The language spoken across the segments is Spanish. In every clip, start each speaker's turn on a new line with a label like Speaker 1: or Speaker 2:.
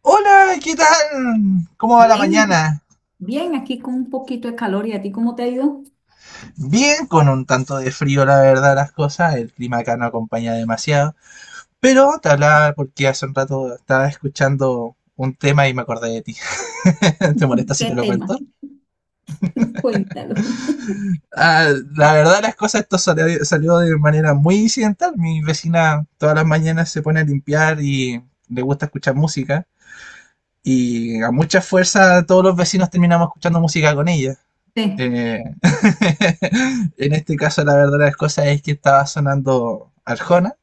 Speaker 1: Hola, ¿qué tal? ¿Cómo va la
Speaker 2: Bien, ¿y a ti?
Speaker 1: mañana?
Speaker 2: Bien, aquí con un poquito de calor. ¿Y a ti cómo te ha ido?
Speaker 1: Bien, con un tanto de frío, la verdad, las cosas. El clima acá no acompaña demasiado. Pero te hablaba porque hace un rato estaba escuchando un tema y me acordé de ti. ¿Te molesta si te
Speaker 2: ¿Qué
Speaker 1: lo
Speaker 2: tema?
Speaker 1: cuento?
Speaker 2: Cuéntalo.
Speaker 1: Ah, la verdad, las cosas, esto salió de manera muy incidental. Mi vecina todas las mañanas se pone a limpiar y le gusta escuchar música. Y a mucha fuerza todos los vecinos terminamos escuchando música con ella.
Speaker 2: Sí.
Speaker 1: Eh, en este caso, la verdad de las cosas es que estaba sonando Arjona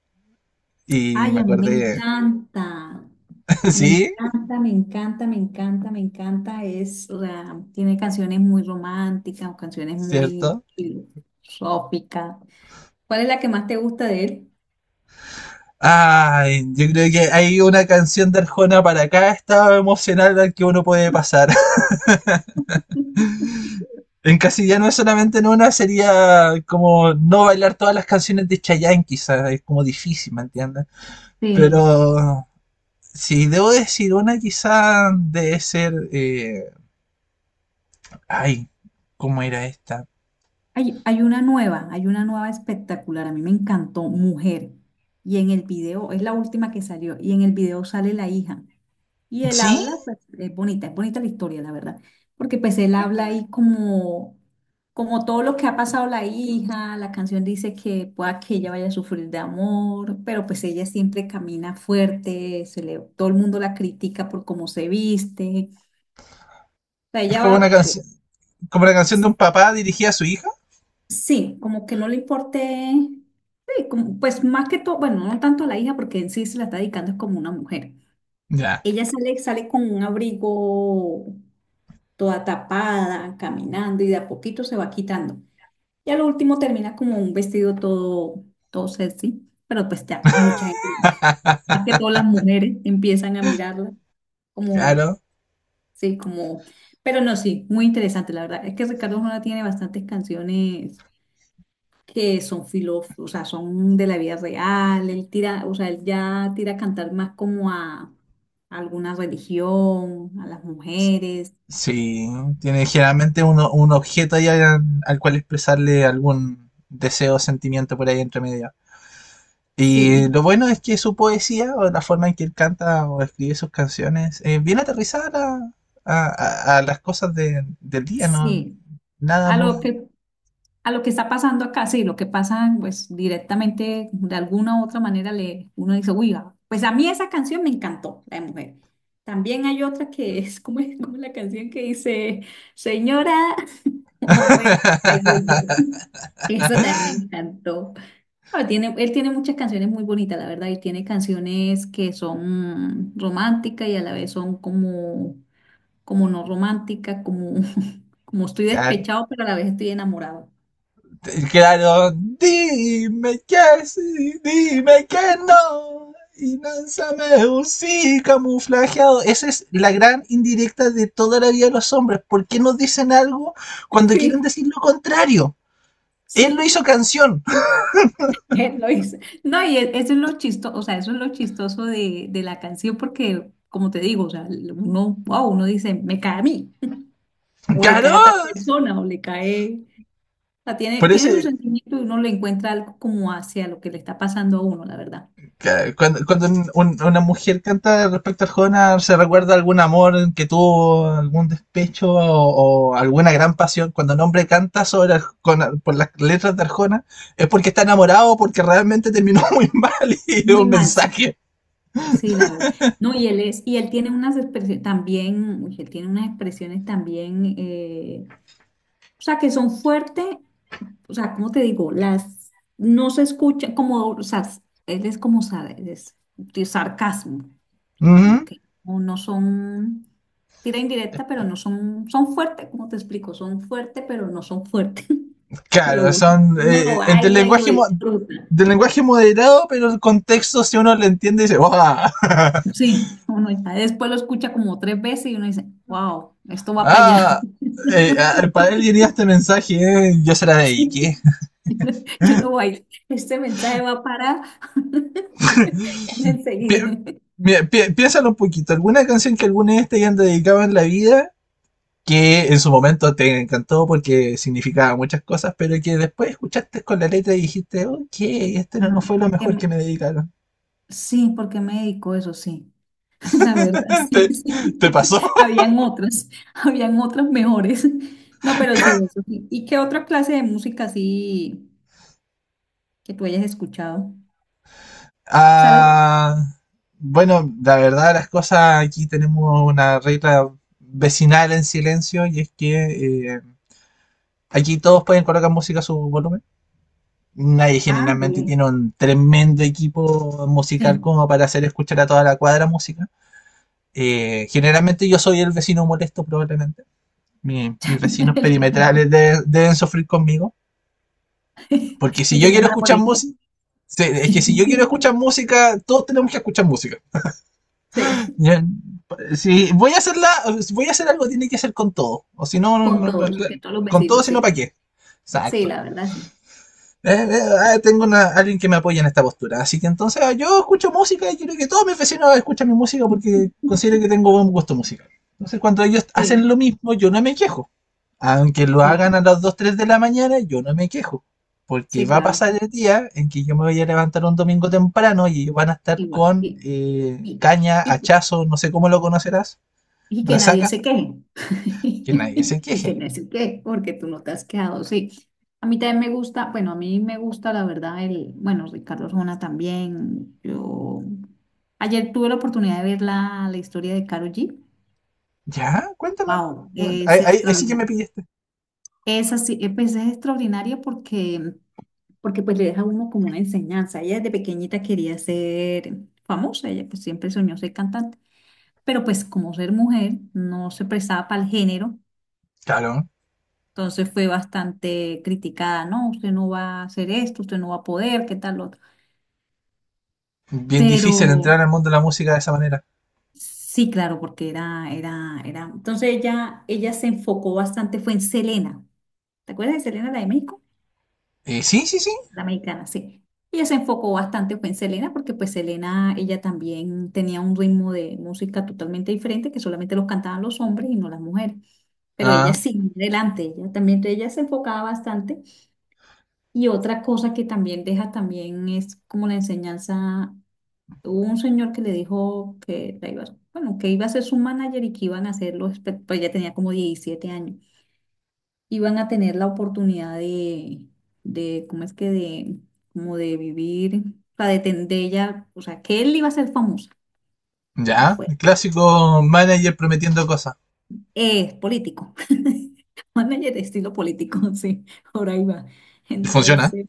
Speaker 1: y
Speaker 2: Ay,
Speaker 1: me
Speaker 2: a mí me
Speaker 1: acordé,
Speaker 2: encanta. Me
Speaker 1: sí,
Speaker 2: encanta, me encanta, me encanta, me encanta. Es, o sea, tiene canciones muy románticas o canciones muy
Speaker 1: cierto.
Speaker 2: filosóficas. ¿Cuál es la que más te gusta de él?
Speaker 1: Ay, yo creo que hay una canción de Arjona para cada estado emocional al que uno puede pasar. En casillano es solamente en una, sería como no bailar todas las canciones de Chayanne, quizás, es como difícil, ¿me entiendes?
Speaker 2: Sí.
Speaker 1: Pero si debo decir una, quizás debe ser, ay, ¿cómo era esta?
Speaker 2: Hay una nueva, hay una nueva espectacular. A mí me encantó, Mujer. Y en el video, es la última que salió, y en el video sale la hija. Y él
Speaker 1: Sí,
Speaker 2: habla, pues es bonita la historia, la verdad, porque pues él habla
Speaker 1: cuéntame.
Speaker 2: ahí como, como todo lo que ha pasado la hija, la canción dice que pueda que ella vaya a sufrir de amor, pero pues ella siempre camina fuerte, se le, todo el mundo la critica por cómo se viste, o sea,
Speaker 1: Es
Speaker 2: ella
Speaker 1: como una
Speaker 2: va,
Speaker 1: canción, como la canción de
Speaker 2: es-
Speaker 1: un papá dirigida a su hija.
Speaker 2: sí, como que no le importe, sí, como, pues más que todo, bueno, no tanto a la hija porque en sí se la está dedicando es como una mujer.
Speaker 1: Ya,
Speaker 2: Ella sale, sale con un abrigo toda tapada, caminando y de a poquito se va quitando. Y al último termina como un vestido todo, todo sexy, pero pues ya mucha gente, más que todas las mujeres empiezan a mirarla como,
Speaker 1: claro.
Speaker 2: sí, como, pero no, sí, muy interesante, la verdad. Es que Ricardo Arjona tiene bastantes canciones que son filósofos, o sea, son de la vida real, él tira, o sea, él ya tira a cantar más como a alguna religión, a las mujeres,
Speaker 1: Sí, tiene generalmente uno, un objeto ahí al cual expresarle algún deseo o sentimiento por ahí entre medio.
Speaker 2: sí,
Speaker 1: Y lo
Speaker 2: y
Speaker 1: bueno es que su poesía o la forma en que él canta o escribe sus canciones es bien aterrizada a las cosas del día, ¿no?
Speaker 2: sí,
Speaker 1: Nada
Speaker 2: a lo
Speaker 1: muy...
Speaker 2: que, a lo que está pasando acá, sí, lo que pasa, pues directamente, de alguna u otra manera, le, uno dice, uy, ah, pues a mí esa canción me encantó, la de mujer. También hay otra que es como la canción que dice, señora, ah, bueno, ahí voy yo. Eso también me encantó. Ah, tiene, él tiene muchas canciones muy bonitas, la verdad, y tiene canciones que son románticas y a la vez son como, como no románticas, como, como estoy
Speaker 1: Claro.
Speaker 2: despechado, pero a la vez estoy enamorado.
Speaker 1: Claro, dime que sí, dime que no. Y lánzame un sí camuflajeado. Esa es la gran indirecta de toda la vida de los hombres. ¿Por qué no dicen algo cuando quieren
Speaker 2: Sí,
Speaker 1: decir lo contrario? Él lo hizo
Speaker 2: sí,
Speaker 1: canción.
Speaker 2: él lo hizo. No, y eso es lo chistoso, o sea, eso es lo chistoso de la canción, porque, como te digo, o sea, uno, wow, uno dice, me cae a mí, o le
Speaker 1: Claro.
Speaker 2: cae a tal persona, o le cae, o sea, tiene,
Speaker 1: Por
Speaker 2: tiene su
Speaker 1: ese,
Speaker 2: sentimiento y uno le encuentra algo como hacia lo que le está pasando a uno, la verdad.
Speaker 1: Cuando una mujer canta respecto al Jonas, ¿se recuerda algún amor que tuvo, algún despecho o alguna gran pasión? Cuando un hombre canta sobre por las letras de Arjona, es porque está enamorado o porque realmente terminó muy mal y es
Speaker 2: Muy
Speaker 1: un
Speaker 2: mal, sí.
Speaker 1: mensaje.
Speaker 2: Sí, la verdad. No, y él es, y él tiene unas expresiones también, uy, él tiene unas expresiones también, o sea, que son fuertes, o sea, ¿cómo te digo? Las no se escucha como, o sea, él es como es de sarcasmo, como
Speaker 1: Ujú.
Speaker 2: que no, no son tira indirecta, pero no son, son fuertes, como te explico, son fuertes, pero no son fuertes. Pero
Speaker 1: Claro,
Speaker 2: uno,
Speaker 1: son
Speaker 2: uno lo
Speaker 1: del
Speaker 2: baila y lo
Speaker 1: lenguaje
Speaker 2: disfruta.
Speaker 1: del lenguaje moderado, pero el contexto, si uno lo entiende, dice, ¡ah!
Speaker 2: Sí, uno ya después lo escucha como tres veces y uno dice, wow, esto va para allá.
Speaker 1: ah, para él diría este mensaje, yo se la dediqué.
Speaker 2: Sí, yo lo bailo. Este mensaje va para
Speaker 1: pi-
Speaker 2: enseguida.
Speaker 1: Mira, piénsalo un poquito. ¿Alguna canción que alguna vez te hayan dedicado en la vida que en su momento te encantó porque significaba muchas cosas, pero que después escuchaste con la letra y dijiste, ok,
Speaker 2: Sí,
Speaker 1: este no, no
Speaker 2: No,
Speaker 1: fue lo mejor que me dedicaron?
Speaker 2: sí, porque me dedicó eso, sí. La verdad, sí,
Speaker 1: ¿Te,
Speaker 2: sí.
Speaker 1: te pasó?
Speaker 2: Habían otras, habían otras mejores. No, pero sí, eso sí. ¿Y qué otra clase de música así que tú hayas escuchado? ¿Sabes?
Speaker 1: Ah, bueno, la verdad, las cosas aquí tenemos una regla vecinal en silencio y es que aquí todos pueden colocar música a su volumen. Nadie
Speaker 2: Ah,
Speaker 1: generalmente
Speaker 2: bien.
Speaker 1: tiene un tremendo equipo musical
Speaker 2: Sí.
Speaker 1: como para hacer escuchar a toda la cuadra música. Generalmente yo soy el vecino molesto probablemente. Mis vecinos
Speaker 2: El que-
Speaker 1: perimetrales deben sufrir conmigo. Porque si
Speaker 2: El
Speaker 1: yo
Speaker 2: que
Speaker 1: quiero
Speaker 2: llama a la
Speaker 1: escuchar
Speaker 2: policía.
Speaker 1: música, sí, es que si yo quiero escuchar música, todos tenemos que escuchar música.
Speaker 2: Sí,
Speaker 1: Si voy a hacerla, si voy a hacer algo, tiene que ser con todo. O si no,
Speaker 2: con todos, que todos los
Speaker 1: con todo,
Speaker 2: vecinos,
Speaker 1: si no, ¿para
Speaker 2: sí.
Speaker 1: qué?
Speaker 2: Sí,
Speaker 1: Exacto.
Speaker 2: la verdad, sí.
Speaker 1: Tengo alguien que me apoya en esta postura. Así que entonces yo escucho música y quiero que todos mis vecinos escuchen mi música porque considero que tengo buen gusto musical. Entonces cuando ellos hacen
Speaker 2: Sí,
Speaker 1: lo mismo, yo no me quejo. Aunque lo
Speaker 2: sí, sí,
Speaker 1: hagan a las 2 3 de la mañana, yo no me quejo. Porque
Speaker 2: sí,
Speaker 1: va a
Speaker 2: claro.
Speaker 1: pasar el día en que yo me voy a levantar un domingo temprano y van a estar
Speaker 2: Igual.
Speaker 1: con
Speaker 2: Y,
Speaker 1: caña,
Speaker 2: y,
Speaker 1: hachazo, no sé cómo lo conocerás,
Speaker 2: y que nadie
Speaker 1: resaca,
Speaker 2: se queje.
Speaker 1: que nadie se
Speaker 2: Y que
Speaker 1: queje.
Speaker 2: nadie se queje, porque tú no te has quejado, sí. A mí también me gusta, bueno, a mí me gusta, la verdad, el, bueno, Ricardo Arjona también. Yo, ayer tuve la oportunidad de ver la, la historia de Karol G.
Speaker 1: Ya, cuéntame.
Speaker 2: Wow, es
Speaker 1: Ahí sí que me
Speaker 2: extraordinario.
Speaker 1: pillaste.
Speaker 2: Es así, pues es extraordinario porque porque pues le deja a uno como una enseñanza. Ella desde pequeñita quería ser famosa, ella pues siempre soñó ser cantante, pero pues como ser mujer no se prestaba para el género,
Speaker 1: Claro.
Speaker 2: entonces fue bastante criticada, no, usted no va a hacer esto, usted no va a poder, qué tal lo otro.
Speaker 1: Bien
Speaker 2: Pero
Speaker 1: difícil entrar al mundo de la música de esa manera.
Speaker 2: sí, claro, porque era, era, era. Entonces ella se enfocó bastante, fue en Selena. ¿Te acuerdas de Selena, la de México?
Speaker 1: Sí, sí, sí.
Speaker 2: La mexicana, sí. Ella se enfocó bastante fue en Selena, porque pues Selena, ella también tenía un ritmo de música totalmente diferente, que solamente los cantaban los hombres y no las mujeres. Pero ella
Speaker 1: Ah,
Speaker 2: sí, adelante, ella también, entonces ella se enfocaba bastante. Y otra cosa que también deja también es como la enseñanza. Hubo un señor que le dijo que la iba, bueno, que iba a ser su manager y que iban a hacerlo, pues ella tenía como 17 años, iban a tener la oportunidad de, ¿cómo es que de, como de vivir, o sea, de, de ella, o sea, que él iba a ser famoso, como
Speaker 1: ya. El
Speaker 2: fue,
Speaker 1: clásico manager prometiendo cosas.
Speaker 2: es político, manager de estilo político, sí, ahora iba.
Speaker 1: Funciona.
Speaker 2: Entonces,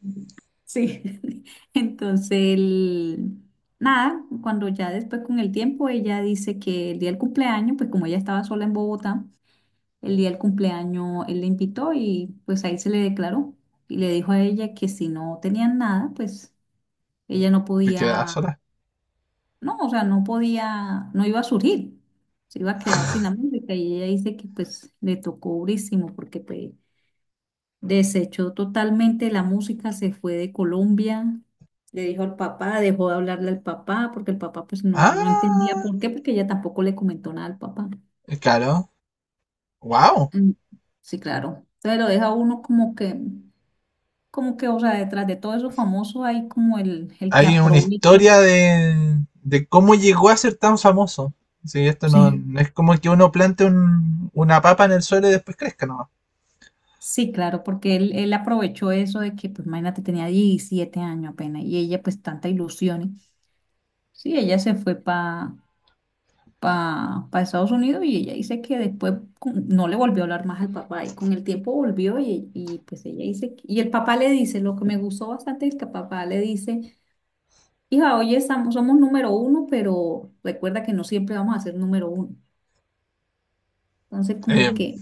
Speaker 2: sí, entonces, nada, cuando ya después con el tiempo ella dice que el día del cumpleaños, pues como ella estaba sola en Bogotá, el día del cumpleaños él le invitó y pues ahí se le declaró y le dijo a ella que si no tenían nada, pues ella no
Speaker 1: Te queda
Speaker 2: podía,
Speaker 1: sola.
Speaker 2: no, o sea, no podía, no iba a surgir, se iba a quedar sin la música y ella dice que pues le tocó durísimo porque pues desechó totalmente la música, se fue de Colombia, le dijo al papá, dejó de hablarle al papá porque el papá pues no, no entendía
Speaker 1: Ah,
Speaker 2: por qué, porque ella tampoco le comentó nada al papá.
Speaker 1: claro. Wow.
Speaker 2: Mm, sí, claro. Entonces lo deja uno como que, o sea, detrás de todo eso famoso hay como el que
Speaker 1: Hay una
Speaker 2: aprovecha.
Speaker 1: historia de cómo llegó a ser tan famoso. Sí, esto no,
Speaker 2: Sí, sí,
Speaker 1: no es como que uno plante una papa en el suelo y después crezca, no.
Speaker 2: sí, claro, porque él aprovechó eso de que, pues, imagínate, tenía 17 años apenas y ella, pues, tanta ilusión. Sí, ella se fue para pa Estados Unidos y ella dice que después no le volvió a hablar más al papá y con el tiempo volvió y pues ella dice, y el papá le dice, lo que me gustó bastante es que el papá le dice, hija, oye, estamos, somos número uno, pero recuerda que no siempre vamos a ser número uno. Entonces,
Speaker 1: Eh,
Speaker 2: como que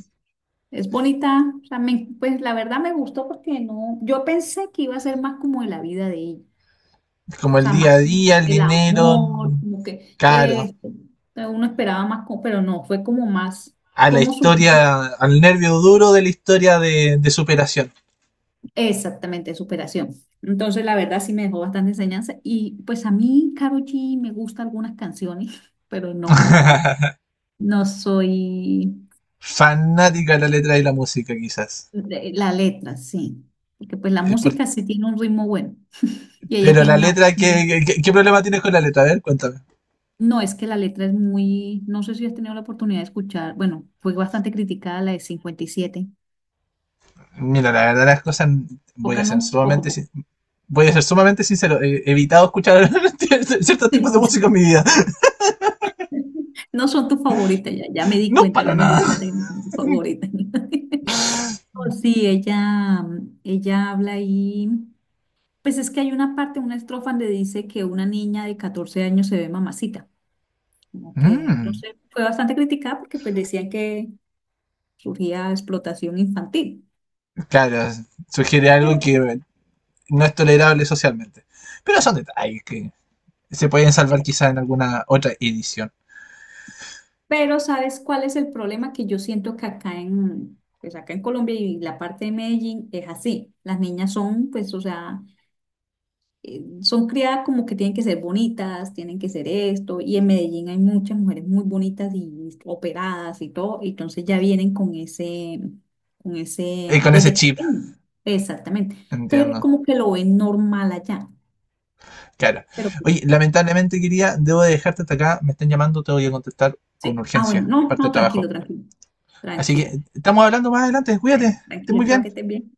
Speaker 2: es bonita, o sea, pues la verdad me gustó porque no, yo pensé que iba a ser más como de la vida de ella, o
Speaker 1: es como el
Speaker 2: sea, más
Speaker 1: día a
Speaker 2: como que
Speaker 1: día, el
Speaker 2: el
Speaker 1: dinero
Speaker 2: amor,
Speaker 1: mm,
Speaker 2: como que
Speaker 1: caro,
Speaker 2: uno esperaba más, pero no, fue como más,
Speaker 1: a la
Speaker 2: como su,
Speaker 1: historia, al nervio duro de la historia de superación.
Speaker 2: exactamente, de superación. Entonces, la verdad sí me dejó bastante enseñanza y pues a mí, Karol G, me gustan algunas canciones, pero no, no soy
Speaker 1: Fanática de la letra y la música, quizás.
Speaker 2: la letra, sí, porque pues la
Speaker 1: Es por-
Speaker 2: música sí tiene un ritmo bueno y ella
Speaker 1: Pero
Speaker 2: tiene
Speaker 1: la
Speaker 2: una...
Speaker 1: letra,
Speaker 2: voz.
Speaker 1: ¿qué, qué, qué problema tienes con la letra? A ver, cuéntame.
Speaker 2: No, es que la letra es muy, no sé si has tenido la oportunidad de escuchar, bueno, fue bastante criticada la de 57.
Speaker 1: Mira, la verdad las cosas, voy
Speaker 2: Poca
Speaker 1: a ser
Speaker 2: no, poco
Speaker 1: sumamente,
Speaker 2: poco.
Speaker 1: sin- voy a ser sumamente sincero. He evitado escuchar ciertos tipos de música en mi vida.
Speaker 2: No son tus favoritas, ya, ya me di
Speaker 1: No
Speaker 2: cuenta,
Speaker 1: para
Speaker 2: ya me
Speaker 1: nada.
Speaker 2: di cuenta que no son tus favoritas. Oh, sí, ella habla ahí, pues es que hay una parte, una estrofa donde dice que una niña de 14 años se ve mamacita, como que,
Speaker 1: Mm,
Speaker 2: entonces fue bastante criticada porque pues decían que surgía explotación infantil,
Speaker 1: claro, sugiere algo
Speaker 2: pero...
Speaker 1: que no es tolerable socialmente. Pero son detalles que se pueden salvar quizás en alguna otra edición.
Speaker 2: Pero ¿sabes cuál es el problema que yo siento que acá en, pues acá en Colombia y la parte de Medellín es así? Las niñas son, pues, o sea, son criadas como que tienen que ser bonitas, tienen que ser esto, y en Medellín hay muchas mujeres muy bonitas y operadas y todo, y entonces ya vienen con ese,
Speaker 1: Y con ese
Speaker 2: desde
Speaker 1: chip,
Speaker 2: pequeño, exactamente. Entonces
Speaker 1: entiendo.
Speaker 2: como que lo ven normal allá,
Speaker 1: Claro.
Speaker 2: pero pues,
Speaker 1: Oye, lamentablemente, quería, debo de dejarte hasta acá. Me están llamando, te voy a contestar con
Speaker 2: sí, ah, bueno,
Speaker 1: urgencia,
Speaker 2: no,
Speaker 1: parte de
Speaker 2: no,
Speaker 1: trabajo.
Speaker 2: tranquilo, tranquilo,
Speaker 1: Así que
Speaker 2: tranquilo.
Speaker 1: estamos hablando más adelante. Cuídate,
Speaker 2: Bueno,
Speaker 1: estés
Speaker 2: tranquilo,
Speaker 1: muy
Speaker 2: chao,
Speaker 1: bien.
Speaker 2: que estés bien.